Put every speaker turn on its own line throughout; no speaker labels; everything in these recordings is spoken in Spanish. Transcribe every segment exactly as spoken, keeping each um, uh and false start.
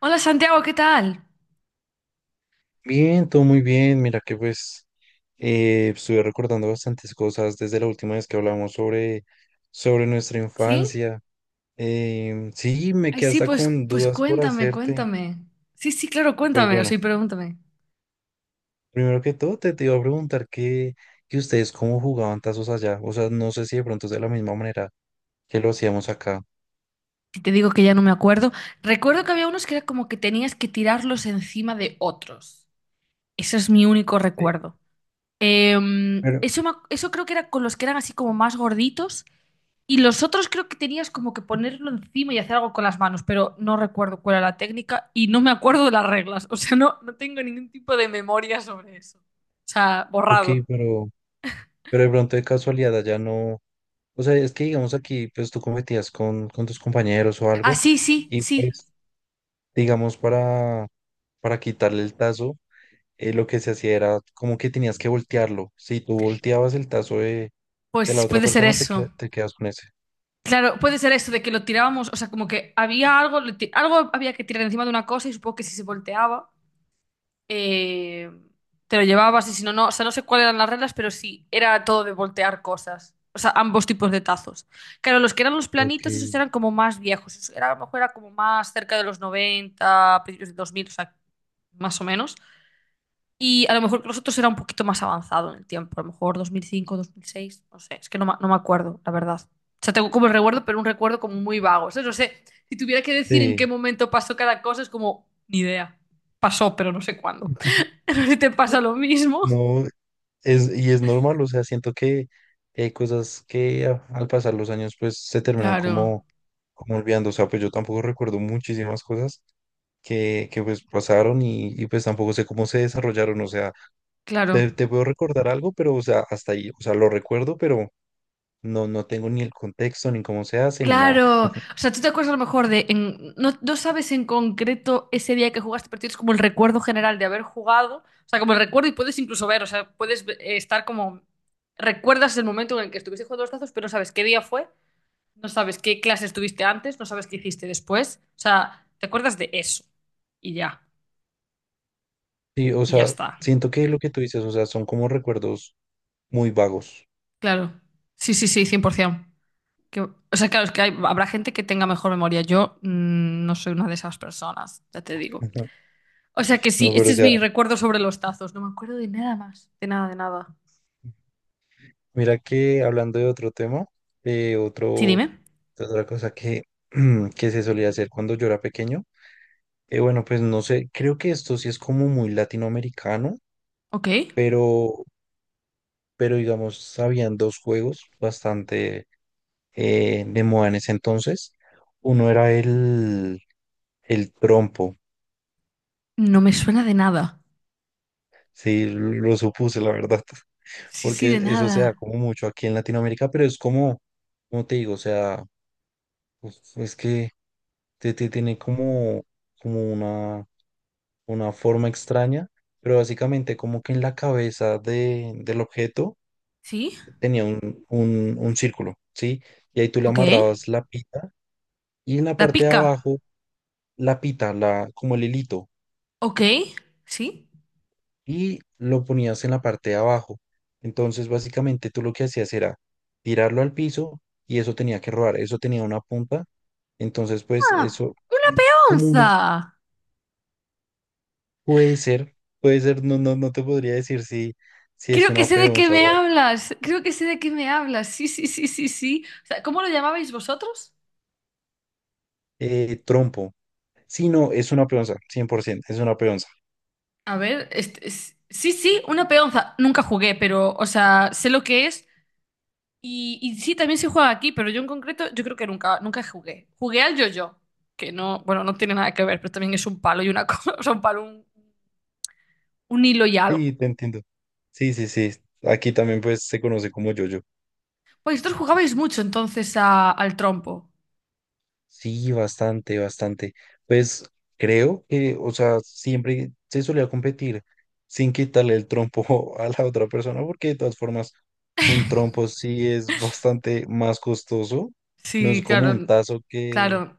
Hola Santiago, ¿qué tal?
Bien, todo muy bien. Mira que pues eh, estuve recordando bastantes cosas desde la última vez que hablamos sobre, sobre nuestra
¿Sí?
infancia. Em, sí, me
Ay,
quedé
sí,
hasta
pues,
con
pues
dudas por
cuéntame,
hacerte.
cuéntame. Sí, sí, claro,
Pues
cuéntame, o
bueno,
sea, y pregúntame.
primero que todo te, te iba a preguntar que, que ustedes cómo jugaban tazos allá. O sea, no sé si de pronto es de la misma manera que lo hacíamos acá.
Si te digo que ya no me acuerdo, recuerdo que había unos que era como que tenías que tirarlos encima de otros. Eso es mi único
Sí.
recuerdo. Em,
Pero,
eso, me ac- eso creo que era con los que eran así como más gorditos, y los otros creo que tenías como que ponerlo encima y hacer algo con las manos, pero no recuerdo cuál era la técnica y no me acuerdo de las reglas. O sea, no, no tengo ningún tipo de memoria sobre eso. O sea,
ok,
borrado.
pero, pero de pronto de casualidad allá no. O sea, es que digamos aquí, pues tú competías con, con tus compañeros o
Ah,
algo.
sí, sí,
Y
sí.
pues digamos, para, para quitarle el tazo, eh, lo que se hacía era como que tenías que voltearlo. Si tú volteabas el tazo de, de la
Pues
otra
puede ser
persona, te,
eso.
que- te quedas con ese.
Claro, puede ser eso de que lo tirábamos, o sea, como que había algo, lo ti- algo había que tirar encima de una cosa, y supongo que si se volteaba, eh, te lo llevabas, y si no, no, o sea, no sé cuáles eran las reglas, pero sí, era todo de voltear cosas. O sea, ambos tipos de tazos. Claro, los que eran los
Ok.
planitos, esos eran como más viejos. Eso era, a lo mejor era como más cerca de los noventa, principios de dos mil, o sea, más o menos. Y a lo mejor que los otros era un poquito más avanzado en el tiempo, a lo mejor dos dos mil cinco, dos mil seis, no sé, es que no, ma- no me acuerdo, la verdad. O sea, tengo como el recuerdo, pero un recuerdo como muy vago. O no sé, si tuviera que decir en qué
Sí,
momento pasó cada cosa, es como, ni idea. Pasó, pero no sé cuándo. No sé si te pasa lo mismo.
no, es, y es normal, o sea, siento que hay cosas que a- al pasar los años pues se terminan
Claro,
como, como olvidando, o sea, pues yo tampoco recuerdo muchísimas cosas que, que pues pasaron y, y, pues tampoco sé cómo se desarrollaron, o sea,
claro.
te, te puedo recordar algo, pero o sea, hasta ahí, o sea, lo recuerdo, pero no, no tengo ni el contexto, ni cómo se hace, ni nada.
Claro, o sea, tú te acuerdas a lo mejor de, en- no, no sabes en concreto ese día que jugaste, pero tienes como el recuerdo general de haber jugado, o sea, como el recuerdo y puedes incluso ver, o sea, puedes ve- eh, estar como, recuerdas el momento en el que estuviste jugando los tazos, pero no sabes qué día fue, no sabes qué clase estuviste antes, no sabes qué hiciste después, o sea, te acuerdas de eso y ya,
Sí, o
y ya
sea,
está.
siento que lo que tú dices, o sea, son como recuerdos muy vagos.
Claro, sí, sí, sí, cien por ciento. Que, o sea, claro, es que hay- habrá gente que tenga mejor memoria, yo mm, no soy una de esas personas, ya te digo.
Ujú.
O sea que sí,
No,
este
pero o
es
sea,
mi recuerdo sobre los tazos. No me acuerdo de nada más. De nada, de nada.
mira que hablando de otro tema, eh,
Sí,
otro,
dime.
de otra cosa que, que se solía hacer cuando yo era pequeño, eh, bueno, pues no sé, creo que esto sí es como muy latinoamericano,
Ok.
pero, pero digamos, habían dos juegos bastante eh, de moda en ese entonces. Uno era el, el trompo.
No me suena de nada.
Sí, lo supuse, la verdad,
Sí, sí,
porque
de
eso se da
nada.
como mucho aquí en Latinoamérica, pero es como, como te digo, o sea, pues, es que te, te tiene como, como una, una forma extraña, pero básicamente como que en la cabeza de, del objeto
Sí.
tenía un, un, un círculo, ¿sí? Y ahí tú le
Ok.
amarrabas la pita y en la
La
parte de
pica.
abajo la pita, la, como el hilito,
Ok. Sí.
y lo ponías en la parte de abajo. Entonces, básicamente tú lo que hacías era tirarlo al piso y eso tenía que rodar, eso tenía una punta. Entonces, pues
Ah,
eso
una
y como una
peonza.
puede ser, puede ser, no, no, no te podría decir si, si es
Creo que
una
sé de qué
peonza
me
o algo.
hablas. Creo que sé de qué me hablas. Sí, sí, sí, sí, sí. O sea, ¿cómo lo llamabais vosotros?
Eh, trompo. Sí, no, es una peonza, cien por ciento, es una peonza.
A ver, este, es- sí, sí, una peonza. Nunca jugué, pero, o sea, sé lo que es. Y, y sí, también se juega aquí, pero yo en concreto, yo creo que nunca, nunca jugué. Jugué al yo-yo, que no, bueno, no tiene nada que ver, pero también es un palo y una cosa, o sea, un palo, un, un hilo y
Sí,
algo.
te entiendo. Sí, sí, sí. Aquí también pues se conoce como yo.
Pues vosotros jugabais mucho entonces a- al trompo.
Sí, bastante, bastante. Pues creo que, o sea, siempre se solía competir sin quitarle el trompo a la otra persona, porque de todas formas, un trompo sí es bastante más costoso. No
Sí,
es como un
claro,
tazo que,
claro.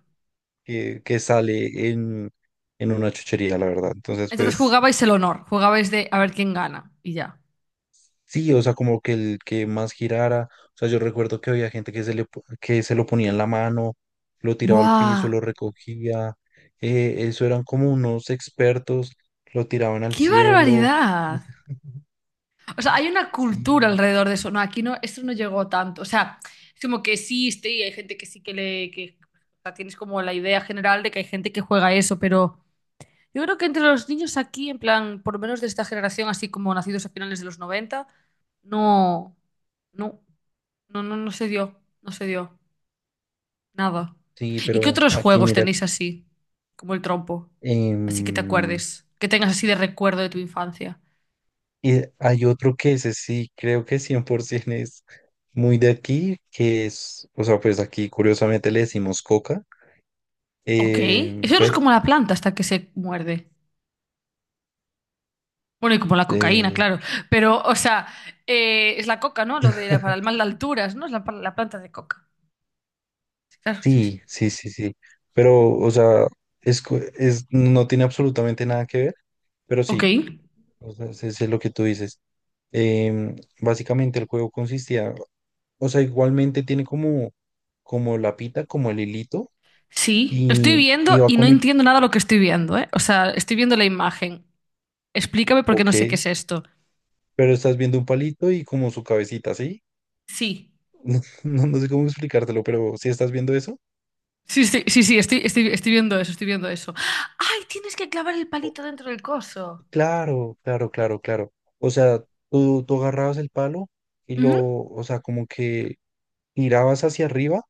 que, que sale en, en una chuchería, la verdad. Entonces,
Entonces
pues
jugabais el honor, jugabais de a ver quién gana y ya.
sí, o sea, como que el que más girara, o sea, yo recuerdo que había gente que se le, po- que se lo ponía en la mano, lo tiraba al
¡Buah!
piso, lo recogía, eh, eso eran como unos expertos, lo tiraban al
¡Qué
cielo. O
barbaridad!
sea,
O sea, hay una cultura
sí,
alrededor de eso. No, aquí no, esto no llegó tanto. O sea, es como que existe y hay gente que sí que le... Que, o sea, tienes como la idea general de que hay gente que juega eso, pero yo creo que entre los niños aquí, en plan, por lo menos de esta generación, así como nacidos a finales de los noventa, no, no, no, no, no se dio, no se dio, nada.
sí,
¿Y qué
pero
otros
aquí
juegos
mira,
tenéis así, como el trompo? Así que te
em,
acuerdes, que tengas así de recuerdo de tu infancia.
y hay otro que ese sí, creo que cien por ciento es muy de aquí, que es, o sea, pues aquí curiosamente le decimos coca,
Ok,
eh,
eso no es
pero,
como la planta hasta que se muerde. Bueno, y como la cocaína,
eh,
claro. Pero, o sea, eh, es la coca, ¿no? Lo de para el mal de alturas, ¿no? Es la, la planta de coca. Sí, claro, sí, sí.
Sí, sí, sí, sí. Pero, o sea, es, co- es, no tiene absolutamente nada que ver, pero
Ok.
sí, o sea, es, es lo que tú dices. Em, Básicamente el juego consistía, o sea, igualmente tiene como, como la pita, como el hilito,
Sí, lo estoy
y, y
viendo
va
y no
con el,
entiendo nada lo que estoy viendo, ¿eh? O sea, estoy viendo la imagen. Explícame porque no sé qué
ok,
es esto.
pero estás viendo un palito y como su cabecita, ¿sí?
Sí.
No, no, no sé cómo explicártelo, pero si estás viendo eso,
Sí, sí, sí, sí, estoy, estoy, estoy viendo eso, estoy viendo eso. ¡Ay! Tienes que clavar el
o-
palito dentro del coso.
claro, claro, claro, claro. O sea, tú, tú agarrabas el palo y lo,
Ujú.
o sea, como que girabas hacia arriba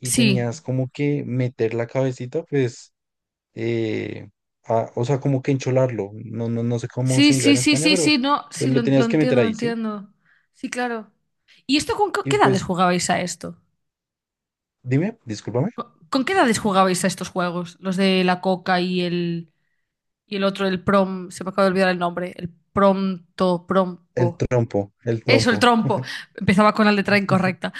y
Sí.
tenías como que meter la cabecita, pues, eh, a- o sea, como que encholarlo. No, no, no sé cómo
Sí,
se diga
sí,
en
sí,
España,
sí,
pero
sí, no.
pues,
Sí,
lo
lo, lo
tenías que meter
entiendo, lo
ahí, ¿sí?
entiendo. Sí, claro. ¿Y esto con qué
Y
qué edades
pues,
jugabais a esto?
dime, discúlpame,
Co- ¿Con qué edades jugabais a estos juegos? Los de la coca y el, y el otro, el prom, se me acaba de olvidar el nombre, el pronto,
el
prompo.
trompo, el
Eso, el
trompo.
trompo. Empezaba con la letra incorrecta.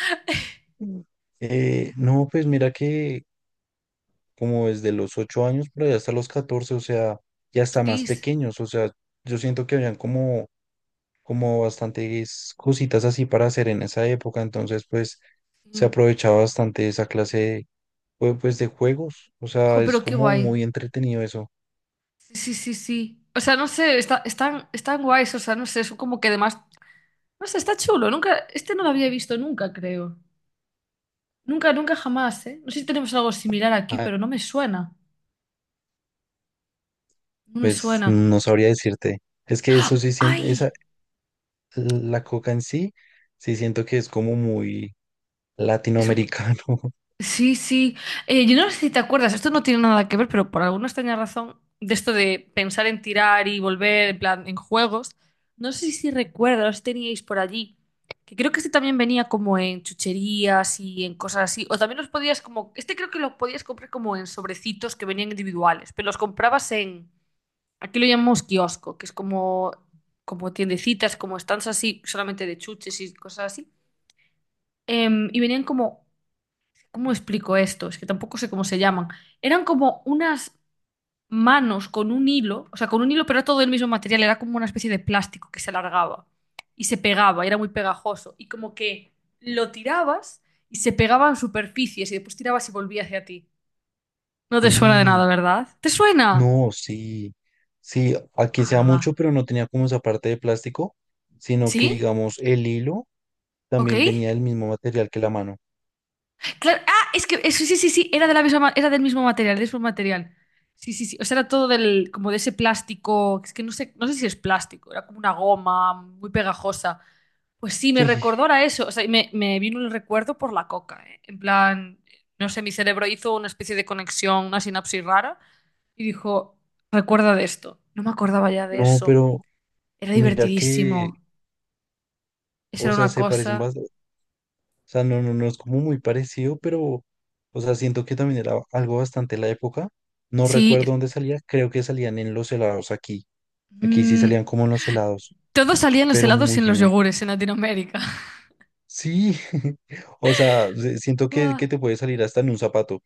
Mm. Eh, no, pues mira que como desde los ocho años, pero ya hasta los catorce o sea, ya hasta más
Hostis.
pequeños, o sea, yo siento que habían como como bastantes cositas así para hacer en esa época, entonces pues se
Mm.
aprovechaba bastante esa clase de, jue- pues, de juegos, o sea,
Jo,
es
pero qué
como
guay.
muy entretenido eso.
Sí, sí, sí, sí. O sea, no sé, está, están, están guays, o sea, no sé, son como que además... No sé, está chulo. Nunca, este no lo había visto nunca, creo. Nunca, nunca jamás, ¿eh? No sé si tenemos algo similar aquí,
Ah,
pero no me suena. No me
pues
suena.
no sabría decirte, es que eso
¡Ah!
sí siento,
¡Ay!
esa, la coca en sí, sí siento que es como muy
Es-
latinoamericano.
Sí, sí. Eh, yo no sé si te acuerdas, esto no tiene nada que ver, pero por alguna extraña razón, de esto de pensar en tirar y volver en plan en juegos, no sé si recuerdas, teníais por allí, que creo que este también venía como en chucherías y en cosas así, o también los podías como, este creo que lo podías comprar como en sobrecitos que venían individuales, pero los comprabas en, aquí lo llamamos kiosco, que es como, como, tiendecitas, como stands así, solamente de chuches y cosas así. Em, y venían como, ¿cómo explico esto? Es que tampoco sé cómo se llaman. Eran como unas manos con un hilo, o sea, con un hilo, pero era todo el mismo material, era como una especie de plástico que se alargaba y se pegaba, y era muy pegajoso, y como que lo tirabas y se pegaba en superficies, y después tirabas y volvía hacia ti. No te suena de nada,
Sí,
¿verdad? ¿Te suena?
no, sí, sí, aquí se da
Ah,
mucho, pero no tenía como esa parte de plástico, sino que
¿sí?
digamos el hilo
¿Ok?
también venía del mismo material que la mano.
Claro, ah, es que eso, sí, sí, sí, era de la misma, ma- era del mismo material, del mismo material. Sí, sí, sí. O sea, era todo del, como de ese plástico. Es que no sé, no sé si es plástico, era como una goma muy pegajosa. Pues sí, me
Sí,
recordó a eso. O sea, y me, me vino el recuerdo por la coca, ¿eh? En plan, no sé, mi cerebro hizo una especie de conexión, una sinapsis rara, y dijo, recuerda de esto. No me acordaba ya de
no,
eso.
pero
Era
mira que,
divertidísimo. Esa
o
era
sea,
una
se parecen
cosa.
bastante, o sea, no, no, no es como muy parecido, pero, o sea, siento que también era algo bastante la época. No
Sí.
recuerdo dónde salía, creo que salían en los helados aquí. Aquí sí
Mm,
salían como en los helados,
todo salía en los
pero
helados
muy
y en los
genial.
yogures en Latinoamérica.
Sí, o sea, se- siento que,
Buah,
que te puede salir hasta en un zapato.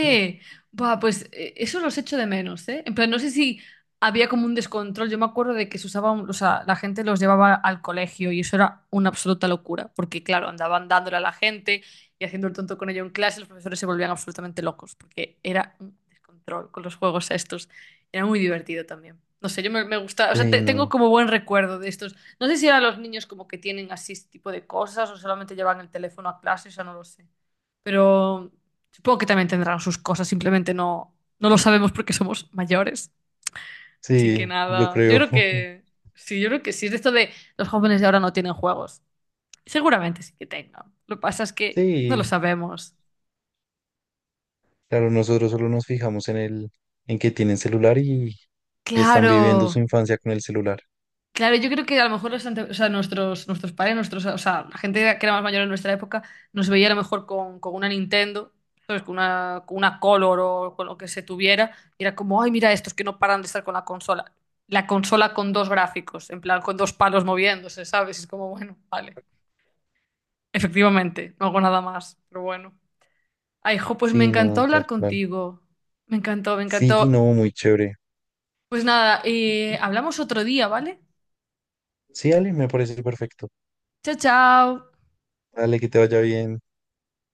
No.
Buah, pues eh, eso los echo de menos, ¿eh? En plan, no sé si había como un descontrol. Yo me acuerdo de que se usaba, un- o sea, la gente los llevaba al colegio, y eso era una absoluta locura, porque claro, andaban dándole a la gente y haciendo el tonto con ello en clase, los profesores se volvían absolutamente locos, porque era un descontrol con los juegos estos. Era muy divertido también. No sé, yo me, me gusta, o sea,
Sí,
te- tengo
no,
como buen recuerdo de estos. No sé si ahora los niños como que tienen así este tipo de cosas, o solamente llevan el teléfono a clase, o sea, no lo sé. Pero supongo que también tendrán sus cosas, simplemente no, no lo sabemos porque somos mayores. Así que
sí, yo
nada, yo
creo.
creo que sí, yo creo que sí. Es de esto de los jóvenes de ahora no tienen juegos. Seguramente sí que tengan. Lo que pasa es que no lo
Sí,
sabemos.
claro, nosotros solo nos fijamos en el, en que tienen celular y, y están viviendo su
Claro.
infancia con el celular.
Claro, yo creo que a lo mejor los ante- o sea, nuestros, nuestros padres, nuestros, o sea, la gente que era más mayor en nuestra época, nos veía a lo mejor con, con, una Nintendo, ¿sabes? Con una, con una Color, o con lo que se tuviera, y era como, ay, mira estos que no paran de estar con la consola. La consola con dos gráficos, en plan, con dos palos moviéndose, ¿sabes? Y es como, bueno, vale. Efectivamente, no hago nada más, pero bueno. Ay, jo, pues me
Sí,
encantó
no, tal
hablar
cual.
contigo. Me encantó, me
Sí,
encantó.
no, muy chévere.
Pues nada, eh, hablamos otro día, ¿vale?
Sí, Ale, me parece perfecto.
Chao, chao.
Dale, que te vaya bien.